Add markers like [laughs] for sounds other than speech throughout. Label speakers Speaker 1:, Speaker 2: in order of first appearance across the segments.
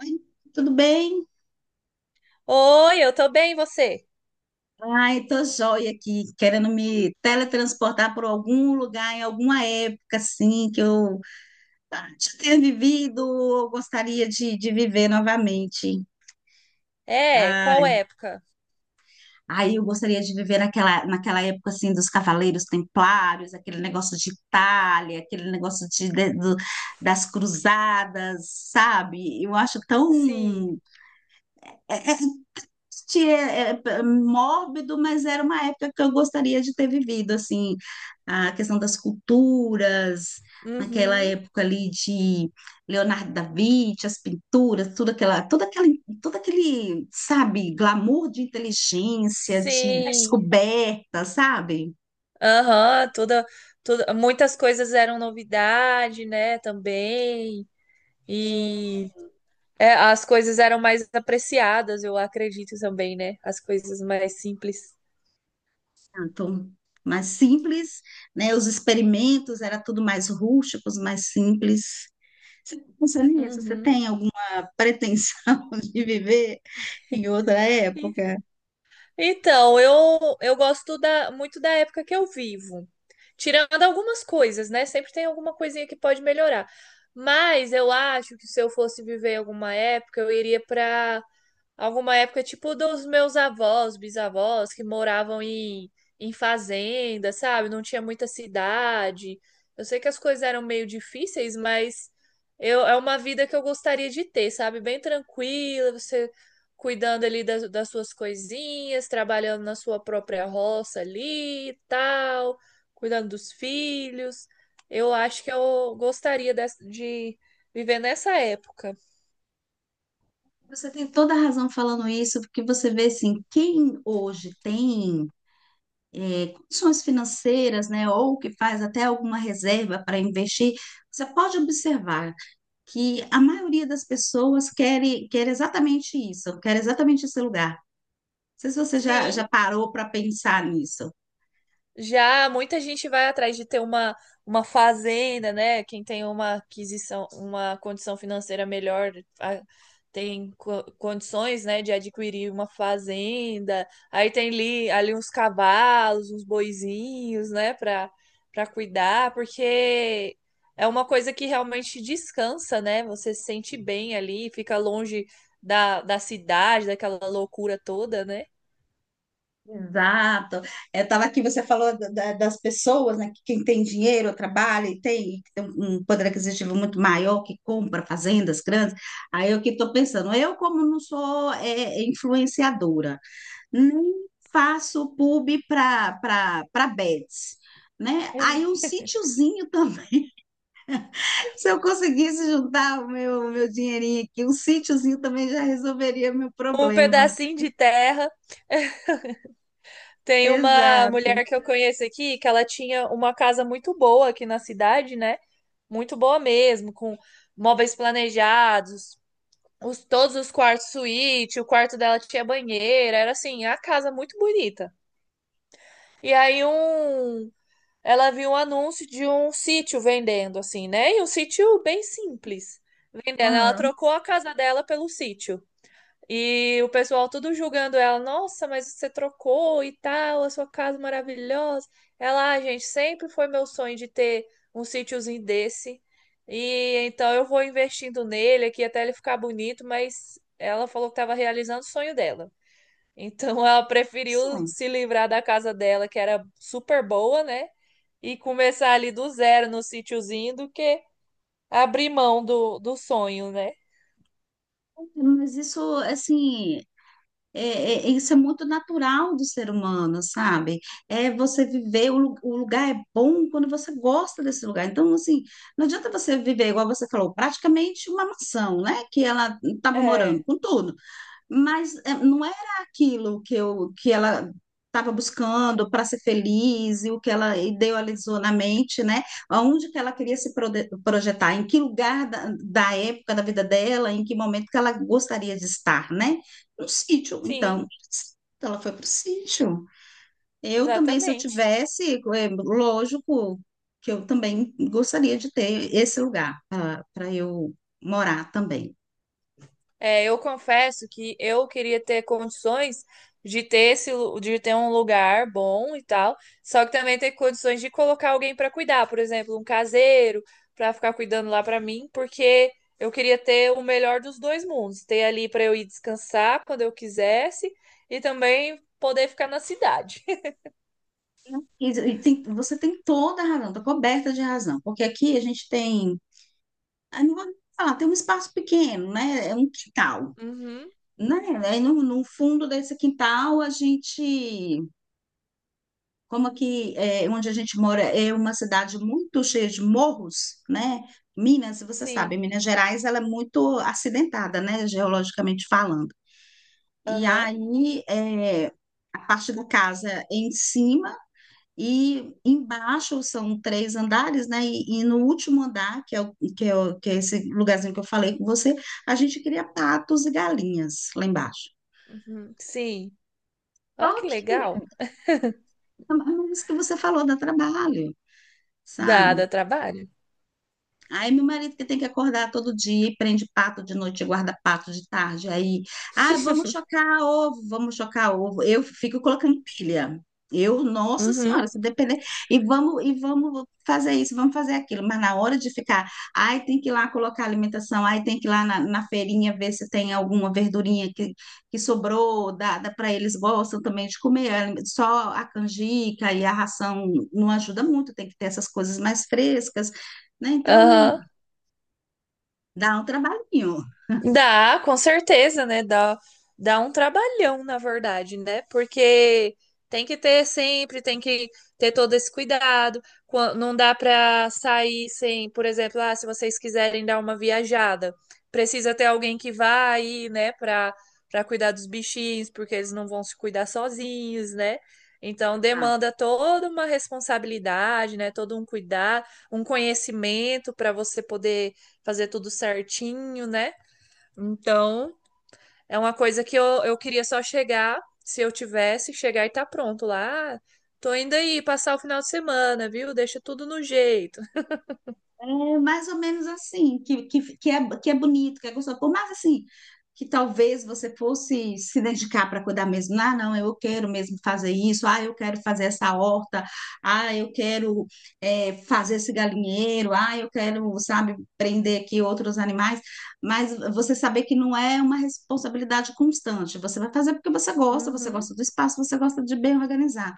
Speaker 1: Oi, tudo bem?
Speaker 2: Oi, eu tô bem, e você?
Speaker 1: Ai, tô joia aqui, querendo me teletransportar por algum lugar, em alguma época, assim, que eu já tenha vivido, ou gostaria de viver novamente.
Speaker 2: É, qual
Speaker 1: Ai,
Speaker 2: época?
Speaker 1: aí eu gostaria de viver naquela época, assim, dos Cavaleiros Templários, aquele negócio de Itália, aquele negócio das cruzadas, sabe? Eu acho
Speaker 2: Sim.
Speaker 1: tão é, é triste, mórbido, mas era uma época que eu gostaria de ter vivido, assim, a questão das culturas, naquela
Speaker 2: Uhum.
Speaker 1: época ali de Leonardo da Vinci, as pinturas, tudo aquela, toda aquela, todo aquele, sabe, glamour de inteligência, de
Speaker 2: Sim.
Speaker 1: descoberta, sabe?
Speaker 2: Aham, toda, toda, muitas coisas eram novidade, né, também.
Speaker 1: Sim.
Speaker 2: E As coisas eram mais apreciadas, eu acredito também, né? As coisas mais simples.
Speaker 1: Então, mais simples, né? Os experimentos era tudo mais rústicos, mais simples. Você pensa nisso? Você
Speaker 2: Uhum.
Speaker 1: tem alguma pretensão [laughs] de viver em outra época?
Speaker 2: Então, eu, eu gosto muito da época que eu vivo. Tirando algumas coisas, né? Sempre tem alguma coisinha que pode melhorar. Mas eu acho que, se eu fosse viver alguma época, eu iria para alguma época, tipo dos meus avós, bisavós, que moravam em fazenda, sabe? Não tinha muita cidade. Eu sei que as coisas eram meio difíceis, mas eu, é uma vida que eu gostaria de ter, sabe? Bem tranquila, você cuidando ali das suas coisinhas, trabalhando na sua própria roça ali e tal, cuidando dos filhos. Eu acho que eu gostaria de viver nessa época.
Speaker 1: Você tem toda a razão falando isso, porque você vê assim, quem hoje tem é, condições financeiras, né, ou que faz até alguma reserva para investir, você pode observar que a maioria das pessoas quer, quer exatamente isso, quer exatamente esse lugar. Não sei se você já,
Speaker 2: Sim.
Speaker 1: já parou para pensar nisso.
Speaker 2: Já muita gente vai atrás de ter uma fazenda, né? Quem tem uma aquisição, uma condição financeira melhor, a- tem condições, né, de adquirir uma fazenda. Aí tem ali uns cavalos, uns boizinhos, né, para cuidar, porque é uma coisa que realmente descansa, né? Você se sente bem ali, fica longe da cidade, daquela loucura toda, né?
Speaker 1: Exato. Eu estava aqui, você falou das pessoas, né? Quem tem dinheiro, trabalha e tem, que tem um poder aquisitivo muito maior, que compra fazendas grandes. Aí eu que estou pensando, eu como não sou é, influenciadora, nem faço pub para bets, né? Aí um sítiozinho também, [laughs] se eu conseguisse juntar o meu dinheirinho aqui, um sítiozinho também já resolveria meu
Speaker 2: Um
Speaker 1: problema.
Speaker 2: pedacinho de terra. Tem uma
Speaker 1: Exato.
Speaker 2: mulher que eu conheço aqui que ela tinha uma casa muito boa aqui na cidade, né? Muito boa mesmo, com móveis planejados, todos os quartos suíte, o quarto dela tinha banheira, era assim, a casa muito bonita. E aí um, Ela viu um anúncio de um sítio vendendo, assim, né? E um sítio bem simples, vendendo. Ela
Speaker 1: Aham.
Speaker 2: trocou a casa dela pelo sítio. E o pessoal tudo julgando ela, nossa, mas você trocou e tal, a sua casa maravilhosa. Ela, ah, gente, sempre foi meu sonho de ter um sítiozinho desse. E então eu vou investindo nele aqui até ele ficar bonito, mas ela falou que estava realizando o sonho dela. Então [laughs] ela preferiu
Speaker 1: Isso.
Speaker 2: se livrar da casa dela, que era super boa, né? E começar ali do zero no sítiozinho do que abrir mão do sonho, né?
Speaker 1: Mas isso, assim, é, isso é muito natural do ser humano, sabe? É você viver, o lugar é bom quando você gosta desse lugar. Então, assim, não adianta você viver, igual você falou, praticamente uma mansão, né? Que ela estava morando,
Speaker 2: É,
Speaker 1: com tudo, mas eh, não era aquilo que eu que ela estava buscando para ser feliz e o que ela idealizou na mente, né? Aonde que ela queria se projetar, em que lugar da época da vida dela, em que momento que ela gostaria de estar, né? No sítio.
Speaker 2: sim,
Speaker 1: Então, ela foi para o sítio. Eu também, se eu
Speaker 2: exatamente.
Speaker 1: tivesse, é, lógico que eu também gostaria de ter esse lugar para eu morar também.
Speaker 2: É, eu confesso que eu queria ter condições de ter de ter um lugar bom e tal, só que também ter condições de colocar alguém para cuidar, por exemplo, um caseiro para ficar cuidando lá para mim, porque eu queria ter o melhor dos dois mundos, ter ali para eu ir descansar quando eu quisesse e também poder ficar na cidade. [laughs]
Speaker 1: Você tem toda a razão, está coberta de razão, porque aqui a gente tem, ah, não vou falar, tem um espaço pequeno, né? É um quintal,
Speaker 2: Uhum,
Speaker 1: né? Aí no fundo desse quintal a gente, como aqui é, onde a gente mora é uma cidade muito cheia de morros, né? Minas, você sabe,
Speaker 2: sim.
Speaker 1: Minas Gerais ela é muito acidentada, né? Geologicamente falando. E
Speaker 2: Aham.
Speaker 1: aí é, a parte da casa é em cima. E embaixo são três andares, né? E no último andar, que é que é esse lugarzinho que eu falei com você, a gente cria patos e galinhas lá embaixo.
Speaker 2: Uhum, sim. Olha
Speaker 1: Só
Speaker 2: que
Speaker 1: que
Speaker 2: legal.
Speaker 1: é isso que você falou, dá trabalho,
Speaker 2: Dá,
Speaker 1: sabe?
Speaker 2: dá trabalho.
Speaker 1: Aí meu marido que tem que acordar todo dia, e prende pato de noite, e guarda pato de tarde. Aí, ah, vamos
Speaker 2: [laughs]
Speaker 1: chocar ovo, vamos chocar ovo. Eu fico colocando pilha. Eu, nossa senhora,
Speaker 2: Uhum.
Speaker 1: se depender, e vamos fazer isso, vamos fazer aquilo, mas na hora de ficar, ai, tem que ir lá colocar alimentação, ai, tem que ir lá na feirinha ver se tem alguma verdurinha que sobrou, dá para eles gostam também de comer, só a canjica e a ração não ajuda muito, tem que ter essas coisas mais frescas, né? Então,
Speaker 2: Aham.
Speaker 1: dá um trabalhinho.
Speaker 2: Dá, com certeza, né? Dá, dá um trabalhão, na verdade, né? Porque tem que ter sempre, tem que ter todo esse cuidado. Não dá para sair sem, por exemplo, ah, se vocês quiserem dar uma viajada, precisa ter alguém que vá aí, né, para cuidar dos bichinhos, porque eles não vão se cuidar sozinhos, né? Então
Speaker 1: Exato.
Speaker 2: demanda toda uma responsabilidade, né? Todo um cuidado, um conhecimento para você poder fazer tudo certinho, né? Então, é uma coisa que eu queria só chegar, se eu tivesse, chegar e tá pronto lá. Ah, tô indo aí passar o final de semana, viu? Deixa tudo no jeito.
Speaker 1: É mais ou menos assim, que é bonito, que é gostoso. Por mais assim, que talvez você fosse se dedicar para cuidar mesmo. Ah, não, eu quero mesmo fazer isso. Ah, eu quero fazer essa horta. Ah, eu quero é, fazer esse galinheiro. Ah, eu quero, sabe, prender aqui outros animais. Mas você saber que não é uma responsabilidade constante. Você vai fazer porque você
Speaker 2: Uhum.
Speaker 1: gosta do espaço, você gosta de bem organizar.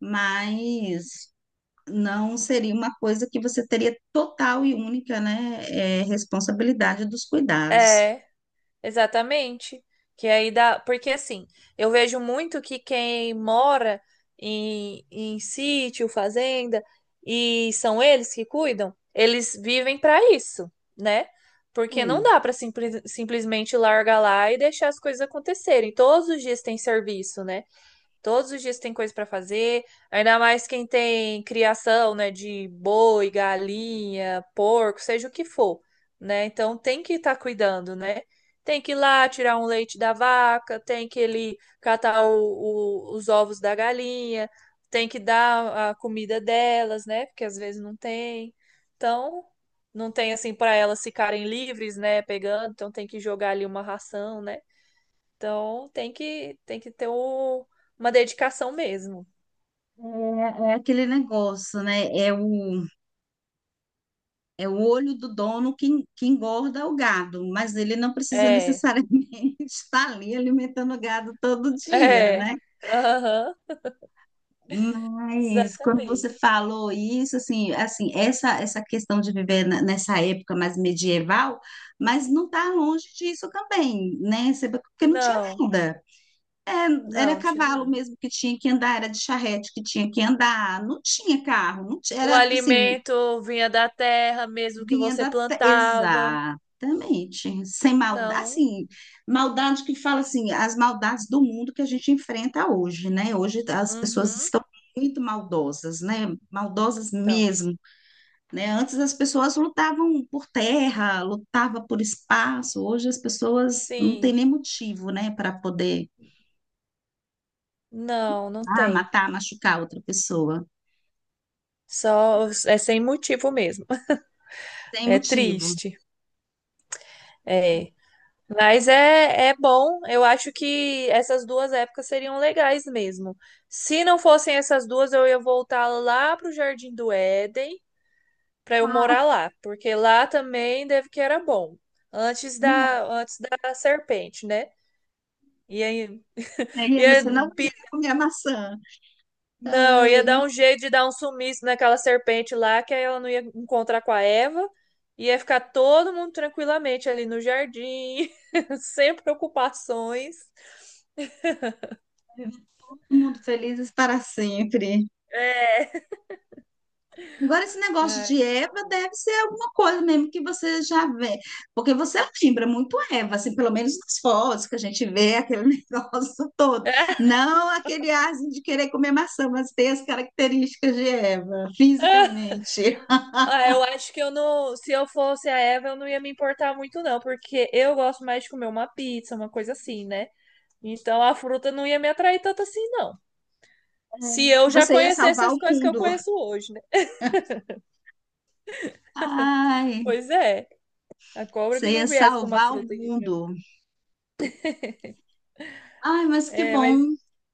Speaker 1: Mas não seria uma coisa que você teria total e única, né, é, responsabilidade dos cuidados.
Speaker 2: É. Exatamente. Que aí dá. Porque assim, eu vejo muito que quem mora em sítio, fazenda, e são eles que cuidam, eles vivem para isso, né? Porque não
Speaker 1: Hum,
Speaker 2: dá para simplesmente largar lá e deixar as coisas acontecerem. Todos os dias tem serviço, né? Todos os dias tem coisa para fazer, ainda mais quem tem criação, né, de boi, galinha, porco, seja o que for, né? Então tem que estar cuidando, né? Tem que ir lá tirar um leite da vaca, tem que ele catar os ovos da galinha, tem que dar a comida delas, né? Porque às vezes não tem. Então, não tem assim para elas ficarem livres, né? Pegando, então tem que jogar ali uma ração, né? Então tem que ter uma dedicação mesmo.
Speaker 1: É, é aquele negócio, né? É o olho do dono que, que engorda o gado, mas ele não precisa
Speaker 2: É,
Speaker 1: necessariamente [laughs] estar ali alimentando o gado todo
Speaker 2: [laughs]
Speaker 1: dia,
Speaker 2: é.
Speaker 1: né?
Speaker 2: Aham,
Speaker 1: Mas quando você
Speaker 2: exatamente.
Speaker 1: falou isso, assim, assim, essa questão de viver nessa época mais medieval, mas não está longe disso também, né? Você... Porque não tinha
Speaker 2: Não,
Speaker 1: nada.
Speaker 2: não,
Speaker 1: Era
Speaker 2: não tinha
Speaker 1: cavalo
Speaker 2: nada.
Speaker 1: mesmo que tinha que andar, era de charrete que tinha que andar, não tinha carro, não ti-
Speaker 2: O
Speaker 1: era assim,
Speaker 2: alimento vinha da terra mesmo que
Speaker 1: vinha
Speaker 2: você
Speaker 1: da...
Speaker 2: plantava.
Speaker 1: Exatamente. Sem maldade,
Speaker 2: Então,
Speaker 1: assim, maldade que fala assim, as maldades do mundo que a gente enfrenta hoje, né? Hoje as pessoas
Speaker 2: uhum,
Speaker 1: estão muito maldosas, né? Maldosas
Speaker 2: então,
Speaker 1: mesmo, né? Antes as pessoas lutavam por terra, lutavam por espaço, hoje as pessoas não têm
Speaker 2: sim.
Speaker 1: nem motivo, né, para poder
Speaker 2: Não, não
Speaker 1: ah,
Speaker 2: tem.
Speaker 1: matar, machucar outra pessoa.
Speaker 2: Só é sem motivo mesmo. [laughs]
Speaker 1: Sem
Speaker 2: É
Speaker 1: motivo.
Speaker 2: triste. É. Mas é bom, eu acho que essas duas épocas seriam legais mesmo. Se não fossem essas duas, eu ia voltar lá pro Jardim do Éden para eu
Speaker 1: Ah,
Speaker 2: morar lá, porque lá também deve que era bom, antes
Speaker 1: né?
Speaker 2: da serpente, né? E aí,
Speaker 1: Aí
Speaker 2: ia,
Speaker 1: você não queria
Speaker 2: pi-
Speaker 1: comer a maçã.
Speaker 2: não, ia dar
Speaker 1: Ai,
Speaker 2: um jeito de dar um sumiço naquela serpente lá, que aí ela não ia encontrar com a Eva, ia ficar todo mundo tranquilamente ali no jardim, [laughs] sem preocupações.
Speaker 1: todo mundo felizes para sempre.
Speaker 2: É.
Speaker 1: Agora, esse negócio de
Speaker 2: Ai.
Speaker 1: Eva deve ser alguma coisa mesmo que você já vê. Porque você lembra muito Eva, assim, pelo menos nas fotos que a gente vê, aquele [laughs] negócio todo.
Speaker 2: [laughs]
Speaker 1: Não aquele asno de querer comer maçã, mas tem as características de Eva, fisicamente.
Speaker 2: Ah, eu acho que eu não. Se eu fosse a Eva, eu não ia me importar muito, não, porque eu gosto mais de comer uma pizza, uma coisa assim, né? Então a fruta não ia me atrair tanto assim, não. Se eu já
Speaker 1: Você ia
Speaker 2: conhecesse
Speaker 1: salvar
Speaker 2: as
Speaker 1: o
Speaker 2: coisas que eu
Speaker 1: mundo.
Speaker 2: conheço hoje, né?
Speaker 1: Ai,
Speaker 2: Pois é, a cobra que
Speaker 1: você
Speaker 2: não
Speaker 1: ia
Speaker 2: viesse com uma
Speaker 1: salvar o
Speaker 2: fruta aqui pra mim.
Speaker 1: mundo. Ai, mas que
Speaker 2: É,
Speaker 1: bom
Speaker 2: mas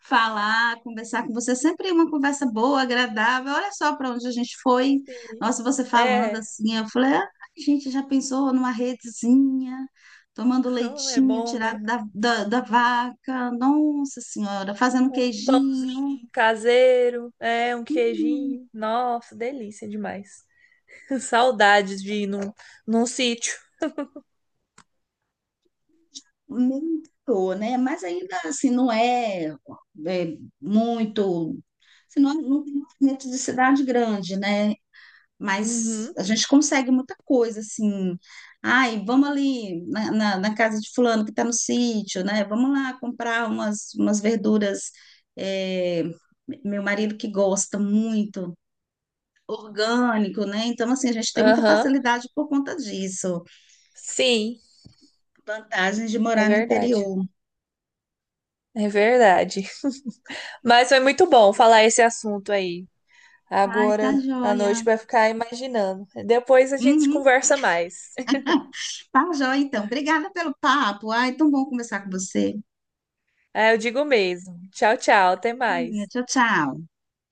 Speaker 1: falar, conversar com você. É sempre uma conversa boa, agradável. Olha só para onde a gente foi.
Speaker 2: sim.
Speaker 1: Nossa, você falando
Speaker 2: É,
Speaker 1: assim, eu falei, ah, a gente já pensou numa redezinha, tomando
Speaker 2: [laughs] é
Speaker 1: leitinho
Speaker 2: bom, né?
Speaker 1: tirado da vaca. Nossa Senhora, fazendo
Speaker 2: Um pão
Speaker 1: queijinho.
Speaker 2: caseiro, um queijinho. Nossa, delícia demais. [laughs] Saudades de ir num sítio.
Speaker 1: Nem tô, né? Mas ainda assim, não é, é muito. Assim, não, é, não tem movimento de cidade grande, né? Mas
Speaker 2: Uhum.
Speaker 1: a gente consegue muita coisa, assim. Ai, vamos ali na casa de fulano que está no sítio, né? Vamos lá comprar umas, umas verduras. É, meu marido que gosta muito, orgânico, né? Então, assim, a gente tem muita
Speaker 2: Aham,
Speaker 1: facilidade por conta disso.
Speaker 2: sim,
Speaker 1: Vantagens de
Speaker 2: é
Speaker 1: morar no
Speaker 2: verdade.
Speaker 1: interior.
Speaker 2: É verdade. Mas foi muito bom falar esse assunto aí.
Speaker 1: Ai, tá
Speaker 2: Agora à
Speaker 1: joia.
Speaker 2: noite vai ficar imaginando. Depois a gente
Speaker 1: Uhum.
Speaker 2: conversa mais. [laughs]
Speaker 1: Tá joia, então. Obrigada pelo papo. Ai, tão bom conversar com você.
Speaker 2: Ah, eu digo mesmo. Tchau, tchau, até mais.
Speaker 1: Tchau, tchau.